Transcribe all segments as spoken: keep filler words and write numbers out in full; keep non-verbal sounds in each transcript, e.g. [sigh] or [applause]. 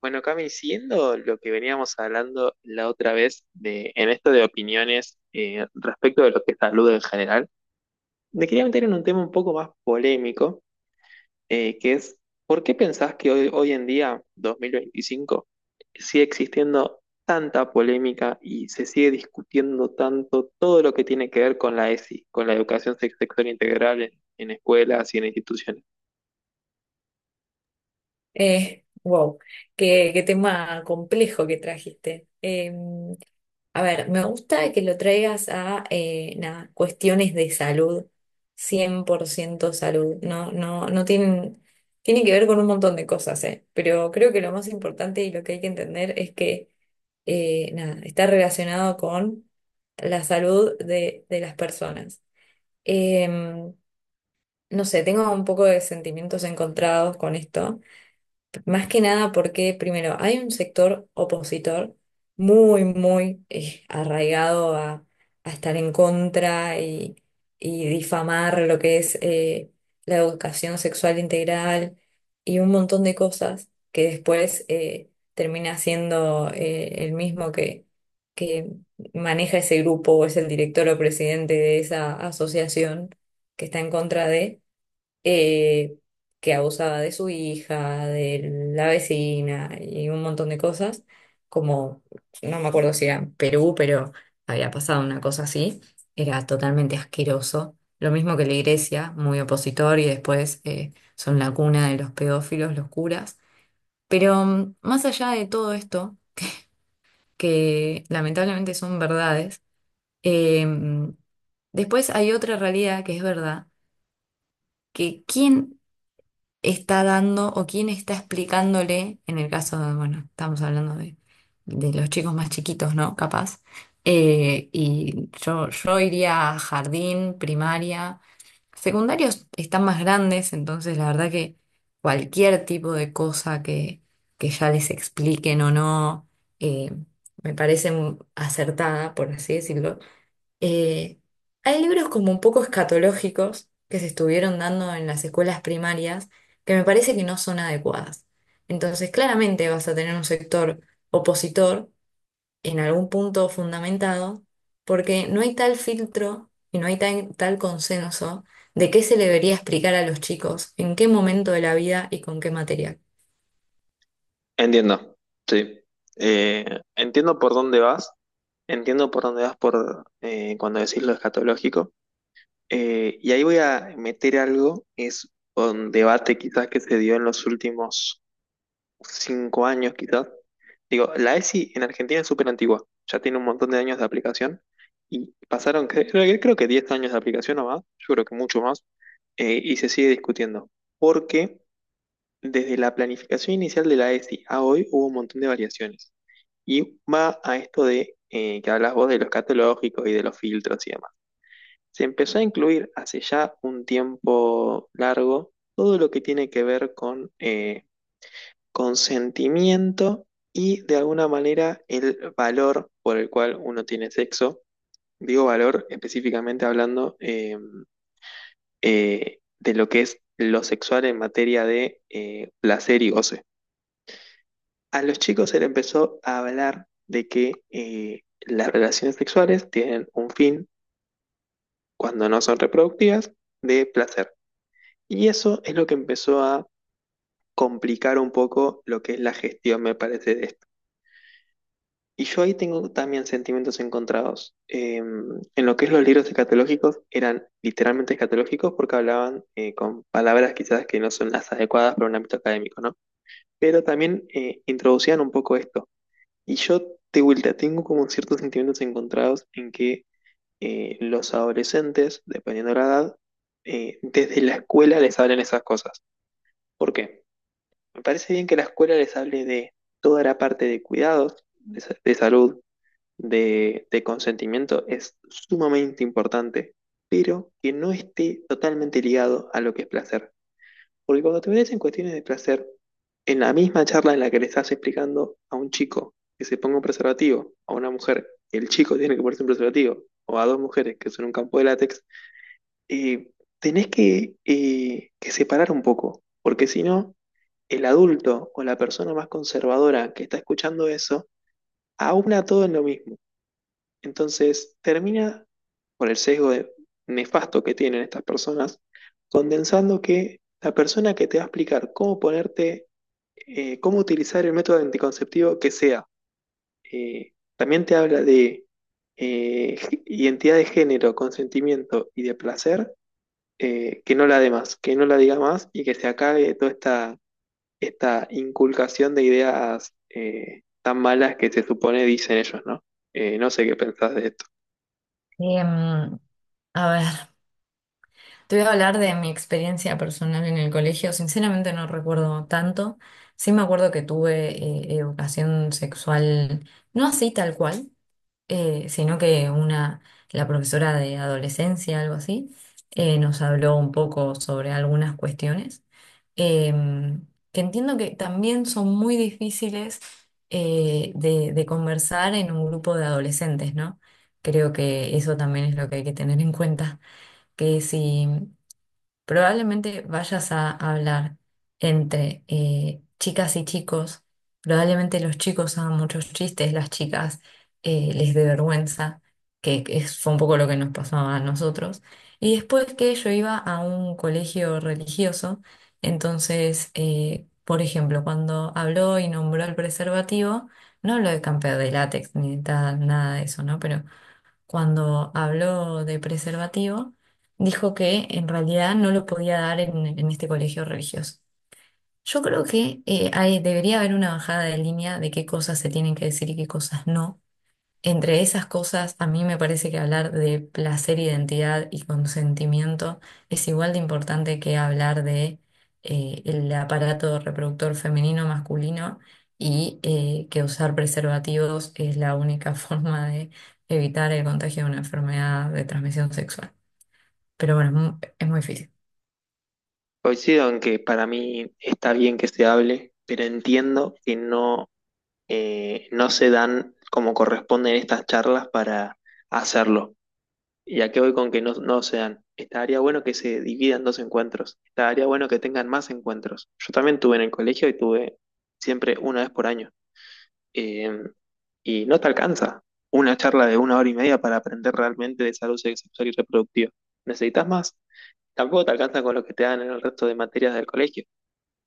Bueno, Cami, siguiendo lo que veníamos hablando la otra vez de, en esto de opiniones eh, respecto de lo que es salud en general, me quería meter en un tema un poco más polémico, eh, que es, ¿por qué pensás que hoy, hoy en día, dos mil veinticinco, sigue existiendo tanta polémica y se sigue discutiendo tanto todo lo que tiene que ver con la E S I, con la educación sex- sexual integral en en escuelas y en instituciones? Eh, wow, qué, qué tema complejo que trajiste. Eh, a ver, me gusta que lo traigas a eh, nada, cuestiones de salud, cien por ciento salud. No, no, no tienen, tiene que ver con un montón de cosas, eh, pero creo que lo más importante y lo que hay que entender es que eh, nada, está relacionado con la salud de, de las personas. Em, no sé, tengo un poco de sentimientos encontrados con esto más que nada porque, primero, hay un sector opositor muy, muy eh, arraigado a, a estar en contra y, y difamar lo que es eh, la educación sexual integral y un montón de cosas que después eh, termina siendo eh, el mismo que, que maneja ese grupo o es el director o presidente de esa asociación que está en contra de eh, que abusaba de su hija, de la vecina y un montón de cosas, como no me acuerdo si era en Perú, pero había pasado una cosa así, era totalmente asqueroso. Lo mismo que la iglesia, muy opositor y después eh, son la cuna de los pedófilos, los curas. Pero mm, más allá de todo esto, que lamentablemente son verdades, em, después hay otra realidad que es verdad, que ¿quién está dando o quién está explicándole, en el caso de, bueno, estamos hablando de, de los chicos más chiquitos, ¿no? Capaz. Eh, y yo, yo iría a jardín, primaria, secundarios están más grandes, entonces la verdad que cualquier tipo de cosa que, que ya les expliquen o no, eh, me parece mu- acertada, por así decirlo. Eh, hay libros como un poco escatológicos que se estuvieron dando en las escuelas primarias que me parece que no son adecuadas. Entonces, claramente vas a tener un sector opositor en algún punto fundamentado porque no hay tal filtro y no hay tan- tal consenso de qué se le debería explicar a los chicos, en qué momento de la vida y con qué material. Entiendo, sí. Eh, Entiendo por dónde vas, entiendo por dónde vas por eh, cuando decís lo escatológico. Eh, y ahí voy a meter algo, es un debate quizás que se dio en los últimos cinco años quizás. Digo, la E S I en Argentina es súper antigua, ya tiene un montón de años de aplicación y pasaron, cre- creo que, creo que diez años de aplicación o más, yo creo que mucho más, eh, y se sigue discutiendo, porque desde la planificación inicial de la E S I a hoy hubo un montón de variaciones. Y va a esto de eh, que hablas vos de los catálogos y de los filtros y demás. Se empezó a incluir hace ya un tiempo largo todo lo que tiene que ver con eh, consentimiento y de alguna manera el valor por el cual uno tiene sexo. Digo valor específicamente hablando eh, eh, de lo que es lo sexual en materia de eh, placer y goce. A los chicos se le empezó a hablar de que eh, las relaciones sexuales tienen un fin, cuando no son reproductivas, de placer. Y eso es lo que empezó a complicar un poco lo que es la gestión, me parece, de esto. Y yo ahí tengo también sentimientos encontrados. Eh, en lo que es los libros escatológicos, eran literalmente escatológicos porque hablaban eh, con palabras quizás que no son las adecuadas para un ámbito académico, ¿no? Pero también eh, introducían un poco esto. Y yo, de vuelta, tengo como ciertos sentimientos encontrados en que eh, los adolescentes, dependiendo de la edad, eh, desde la escuela les hablan esas cosas. ¿Por qué? Me parece bien que la escuela les hable de toda la parte de cuidados, de, sa- de salud, de, de consentimiento, es sumamente importante, pero que no esté totalmente ligado a lo que es placer. Porque cuando te metes en cuestiones de placer, en la misma charla en la que le estás explicando a un chico que se ponga un preservativo, a una mujer, el chico tiene que ponerse un preservativo, o a dos mujeres que son un campo de látex, eh, tenés que, eh, que separar un poco, porque si no, el adulto o la persona más conservadora que está escuchando eso, aúna todo en lo mismo. Entonces termina, por el sesgo de- nefasto que tienen estas personas, condensando que la persona que te va a explicar cómo ponerte eh, cómo utilizar el método anticonceptivo que sea. Eh, también te habla de eh, g- identidad de género, consentimiento y de placer, eh, que no la dé más, que no la diga más y que se acabe toda esta, esta inculcación de ideas eh, tan malas que se supone dicen ellos, ¿no? Eh, no sé qué pensás de esto. Em, a ver. Te voy a hablar de mi experiencia personal en el colegio. Sinceramente no recuerdo tanto. Sí me acuerdo que tuve eh, educación sexual, no así tal cual, eh, sino que una, la profesora de adolescencia, algo así, eh, nos habló un poco sobre algunas cuestiones, em, que entiendo que también son muy difíciles eh, de, de conversar en un grupo de adolescentes, ¿no? Creo que eso también es lo que hay que tener en cuenta que si probablemente vayas a hablar entre eh, chicas y chicos, probablemente los chicos hagan muchos chistes, las chicas eh, les dé vergüenza, que es, fue un poco lo que nos pasaba a nosotros. Y después que yo iba a un colegio religioso, entonces, eh, por ejemplo, cuando habló y nombró el preservativo, no habló de camper de látex ni de tal, nada de eso, ¿no? Pero cuando habló de preservativo, dijo que en realidad no lo podía dar en, en este colegio religioso. Yo creo que eh, hay- debería haber una bajada de línea de qué cosas se tienen que decir y qué cosas no, entre esas cosas, a mí me parece que hablar de placer, identidad y consentimiento es igual de importante que hablar de eh, el aparato reproductor femenino masculino y eh, que usar preservativos es la única [laughs] forma de evitar el contagio de una enfermedad de transmisión sexual. Pero bueno, es mu- es muy difícil. Coincido en que para mí está bien que se hable, pero entiendo que no, eh, no se dan como corresponden estas charlas para hacerlo. ¿Y a qué voy con que no, no sean? Estaría bueno que se dividan dos encuentros. Estaría bueno que tengan más encuentros. Yo también tuve en el colegio y tuve siempre una vez por año. Eh, y no te alcanza una charla de una hora y media para aprender realmente de salud sexual y reproductiva. Necesitas más. Tampoco te alcanza con lo que te dan en el resto de materias del colegio.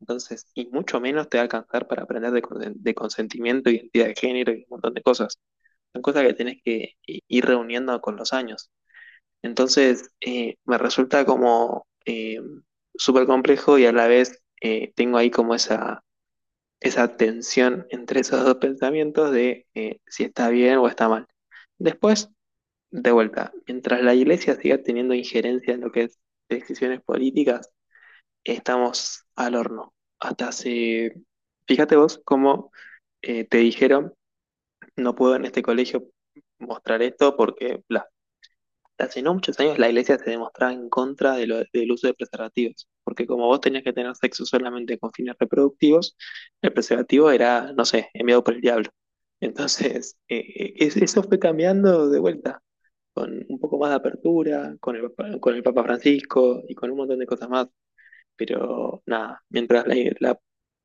Entonces, y mucho menos te va a alcanzar para aprender de, consen- de consentimiento, identidad de género y un montón de cosas. Son cosas que tenés que i- ir reuniendo con los años. Entonces, eh, me resulta como eh, súper complejo y a la vez eh, tengo ahí como esa, esa tensión entre esos dos pensamientos de eh, si está bien o está mal. Después, de vuelta, mientras la iglesia siga teniendo injerencia en lo que es decisiones políticas, estamos al horno. Hasta hace, fíjate vos cómo eh, te dijeron, no puedo en este colegio mostrar esto porque bla. Hace no muchos años la iglesia se demostraba en contra de lo- del uso de preservativos, porque como vos tenías que tener sexo solamente con fines reproductivos, el preservativo era, no sé, enviado por el diablo. Entonces, [laughs] eh, eh, es- eso fue cambiando de vuelta, con un poco más de apertura, con el, Papa- con el Papa Francisco y con un montón de cosas más. Pero nada, mientras la, la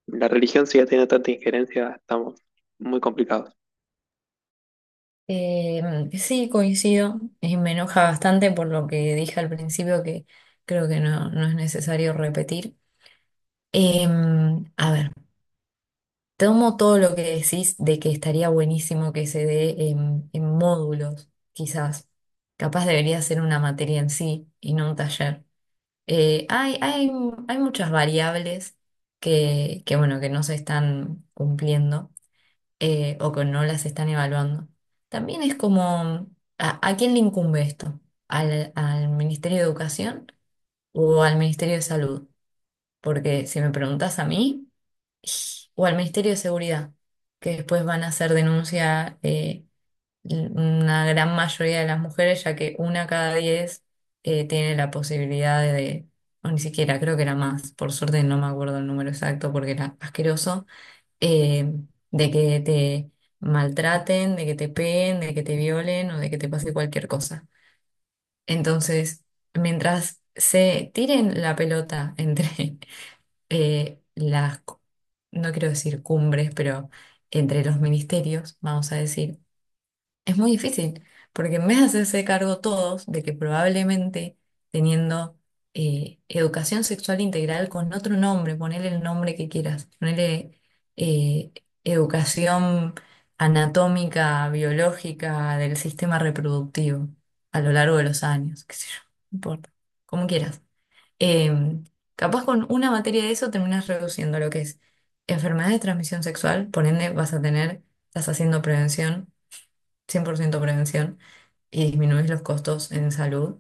la religión siga teniendo tanta injerencia, estamos muy complicados. Eh, sí, coincido y me enoja bastante por lo que dije al principio, que creo que no, no es necesario repetir. Em, a ver. Tomo todo lo que decís de que estaría buenísimo que se dé en, en módulos, quizás. Capaz debería ser una materia en sí y no un taller. Eh, hay, hay, hay muchas variables que, que, bueno, que no se están cumpliendo eh, o que no las están evaluando. También es como, ¿a, a quién le incumbe esto? ¿Al, al Ministerio de Educación o al Ministerio de Salud? Porque si me preguntas a mí o al Ministerio de Seguridad, que después van a hacer denuncia eh, una gran mayoría de las mujeres, ya que una cada diez eh, tiene la posibilidad de, o ni siquiera, creo que era más, por suerte no me acuerdo el número exacto porque era asqueroso, eh, de que te maltraten, de que te peguen, de que te violen o de que te pase cualquier cosa. Entonces, mientras se tiren la pelota [laughs] entre eh, las, cu- no quiero decir cumbres, pero entre los ministerios, vamos a decir, es muy difícil, porque en vez de hacerse cargo todos de que probablemente teniendo eh, educación sexual integral con otro nombre, ponele el nombre que quieras, ponele eh, educación anatómica, biológica del sistema reproductivo a lo largo de los años, qué sé yo, no importa, como quieras. Em, capaz con una materia de eso terminas reduciendo lo que es enfermedad de transmisión sexual, por ende vas a tener, estás haciendo prevención, cien por ciento prevención, y disminuís los costos en salud.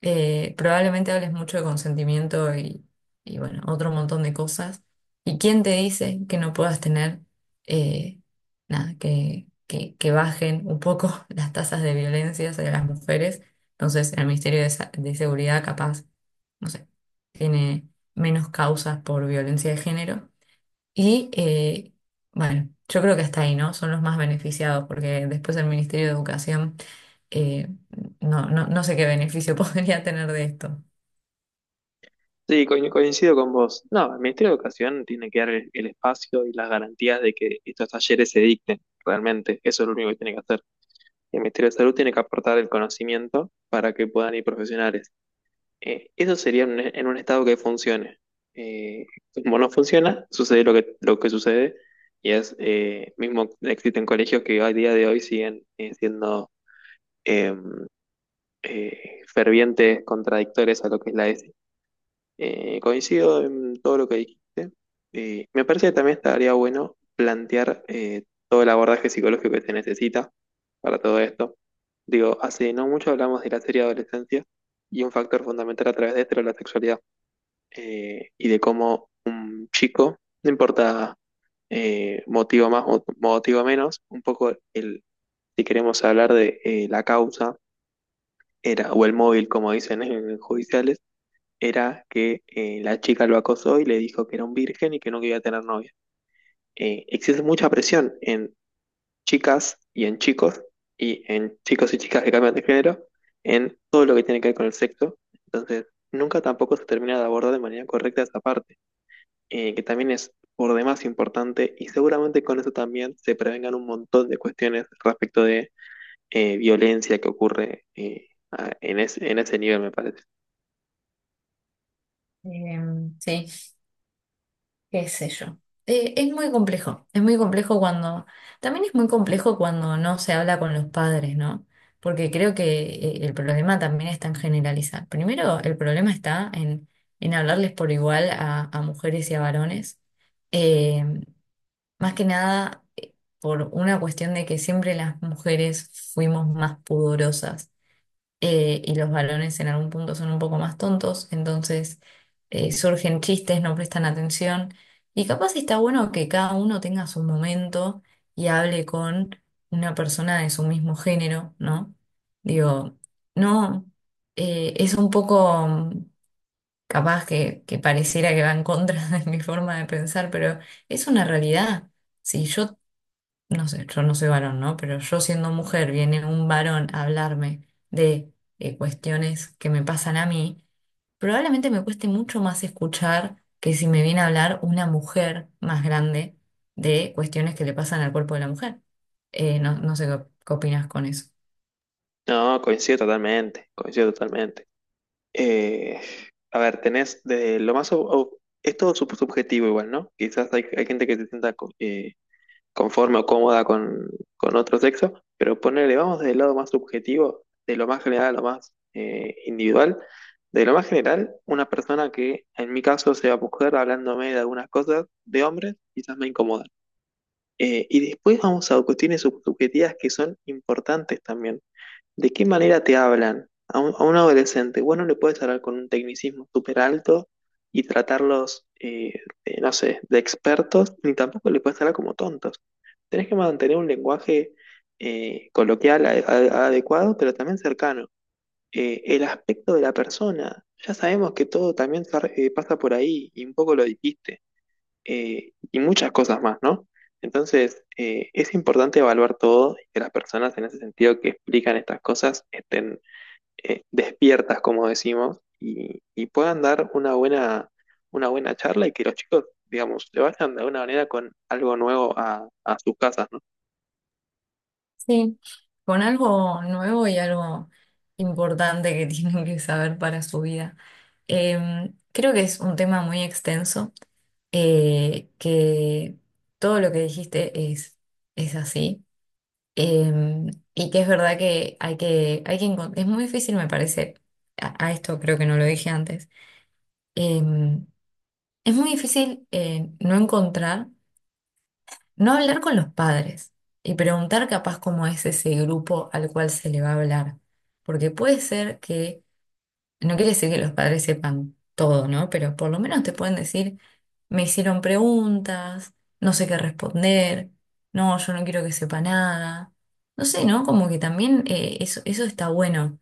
Eh, probablemente hables mucho de consentimiento y, y, bueno, otro montón de cosas. ¿Y quién te dice que no puedas tener, eh, nada, que, que, que bajen un poco [laughs] las tasas de violencia hacia las mujeres? Entonces, el Ministerio de, Sa- de Seguridad capaz no sé, tiene menos causas por violencia de género. Y eh, bueno, yo creo que hasta ahí, ¿no? Son los más beneficiados, porque después el Ministerio de Educación, eh, no, no, no sé qué beneficio [laughs] podría tener de esto. Sí, co- coincido con vos. No, el Ministerio de Educación tiene que dar el, el espacio y las garantías de que estos talleres se dicten, realmente. Eso es lo único que tiene que hacer. El Ministerio de Salud tiene que aportar el conocimiento para que puedan ir profesionales. Eh, eso sería en, un en un estado que funcione. Eh, Como no funciona, sucede lo que, lo que sucede, y es, eh, mismo existen colegios que a día de hoy siguen eh, siendo em, eh, fervientes contradictores a lo que es la eh, coincido en todo lo que dijiste. Eh, me parece que también estaría bueno plantear eh, todo el abordaje psicológico que se necesita para todo esto. Digo, hace no mucho hablamos de la serie adolescencia y un factor fundamental a través de esto era la sexualidad eh, y de cómo un chico, no importa eh, motivo más o motivo menos, un poco el, si queremos hablar de eh, la causa era, o el móvil, como dicen en judiciales era que eh, la chica lo acosó y le dijo que era un virgen y que no quería tener novia. Eh, existe mucha presión en chicas y en chicos, y en chicos y chicas que cambian de género, en todo lo que tiene que ver con el sexo. Entonces, nunca tampoco se termina de abordar de manera correcta esa parte, eh, que también es por demás importante, y seguramente con eso también se prevengan un montón de cuestiones respecto de eh, violencia que ocurre eh, a- en ese, en ese nivel, me parece. Em, sí. Qué sé yo. Eh, es muy complejo, es muy complejo cuando, también es muy complejo cuando no se habla con los padres, ¿no? Porque creo que eh, el problema también está en generalizar. Primero, el problema está en, en hablarles por igual a, a mujeres y a varones. Eh, más que nada eh, por una cuestión de que siempre las mujeres fuimos más pudorosas eh, y los varones en algún punto son un poco más tontos, entonces eh, surgen chistes, no prestan atención, y capaz está bueno que cada uno tenga su momento y hable con una persona de su mismo género, ¿no? Digo, no, eh, es un poco mm, capaz que, que pareciera que va en contra [laughs] de mi forma de pensar, pero es una realidad. Si yo no sé, yo no soy varón, ¿no? Pero yo siendo mujer, viene un varón a hablarme de eh, cuestiones que me pasan a mí, probablemente me cueste mucho más escuchar que si me viene a hablar una mujer más grande de cuestiones que le pasan al cuerpo de la mujer. Eh, no, no sé qué, qué opinas con eso. No, coincido totalmente, coincido totalmente. Eh, a ver, tenés de lo más... ob- ob- es todo sub- subjetivo igual, ¿no? Quizás hay, hay gente que se sienta co- eh, conforme o cómoda con, con otro sexo, pero ponele, vamos del lado más subjetivo, de lo más general a lo más eh, individual. De lo más general, una persona que en mi caso sea mujer hablándome de algunas cosas de hombres, quizás me incomoda. Eh, y después vamos a cuestiones sub- subjetivas que son importantes también. ¿De qué manera te hablan a un, a un adolescente? Vos no le puedes hablar con un tecnicismo súper alto y tratarlos, eh, eh, no sé, de expertos, ni tampoco le puedes hablar como tontos. Tenés que mantener un lenguaje eh, coloquial a- a- adecuado, pero también cercano. Eh, el aspecto de la persona, ya sabemos que todo también se re- eh, pasa por ahí y un poco lo dijiste eh, y muchas cosas más, ¿no? Entonces, eh, es importante evaluar todo y que las personas en ese sentido que explican estas cosas estén eh, despiertas, como decimos, y, y puedan dar una buena, una buena charla y que los chicos, digamos, se vayan de alguna manera con algo nuevo a, a sus casas, ¿no? Sí, con algo nuevo y algo importante que [laughs] tienen que saber para su vida. Em, creo que es un tema muy extenso. eh, que todo lo que dijiste es, es así. em, y que es verdad que hay que, hay que encon- es muy difícil, me parece, a, a esto creo que no lo dije antes, em, es muy difícil eh, no encontrar, no hablar con los padres y preguntar capaz cómo es ese grupo al cual se le va a hablar. Porque puede ser que no quiere decir que los padres sepan todo, ¿no? Pero por lo menos te pueden decir, me hicieron preguntas, no sé qué responder, no, yo no quiero que sepa nada. No sé, ¿no? Como que también eh, eso, eso está bueno,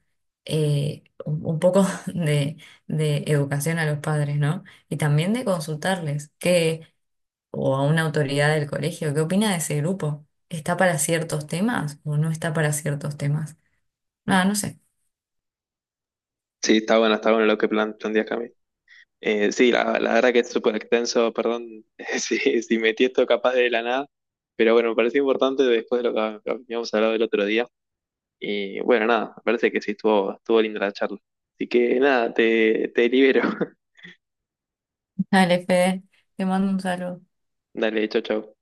eh, un un poco [laughs] de, de educación a los padres, ¿no? Y también de consultarles, que, o a una autoridad del colegio, ¿qué opina de ese grupo? ¿Está para ciertos temas o no está para ciertos temas? Nada, no sé. Sí, está bueno, está bueno lo que plan, planteas, Cami. Eh, sí, la, la verdad que es súper extenso, perdón [laughs] si, si metí esto capaz de la nada, pero bueno, me pareció importante después de lo que habíamos hablado el otro día. Y bueno, nada, me parece que sí estuvo, estuvo linda la charla. Así que nada, te, te libero. [laughs] [laughs] Dale, Fede, te mando un saludo. Dale, chau, chau.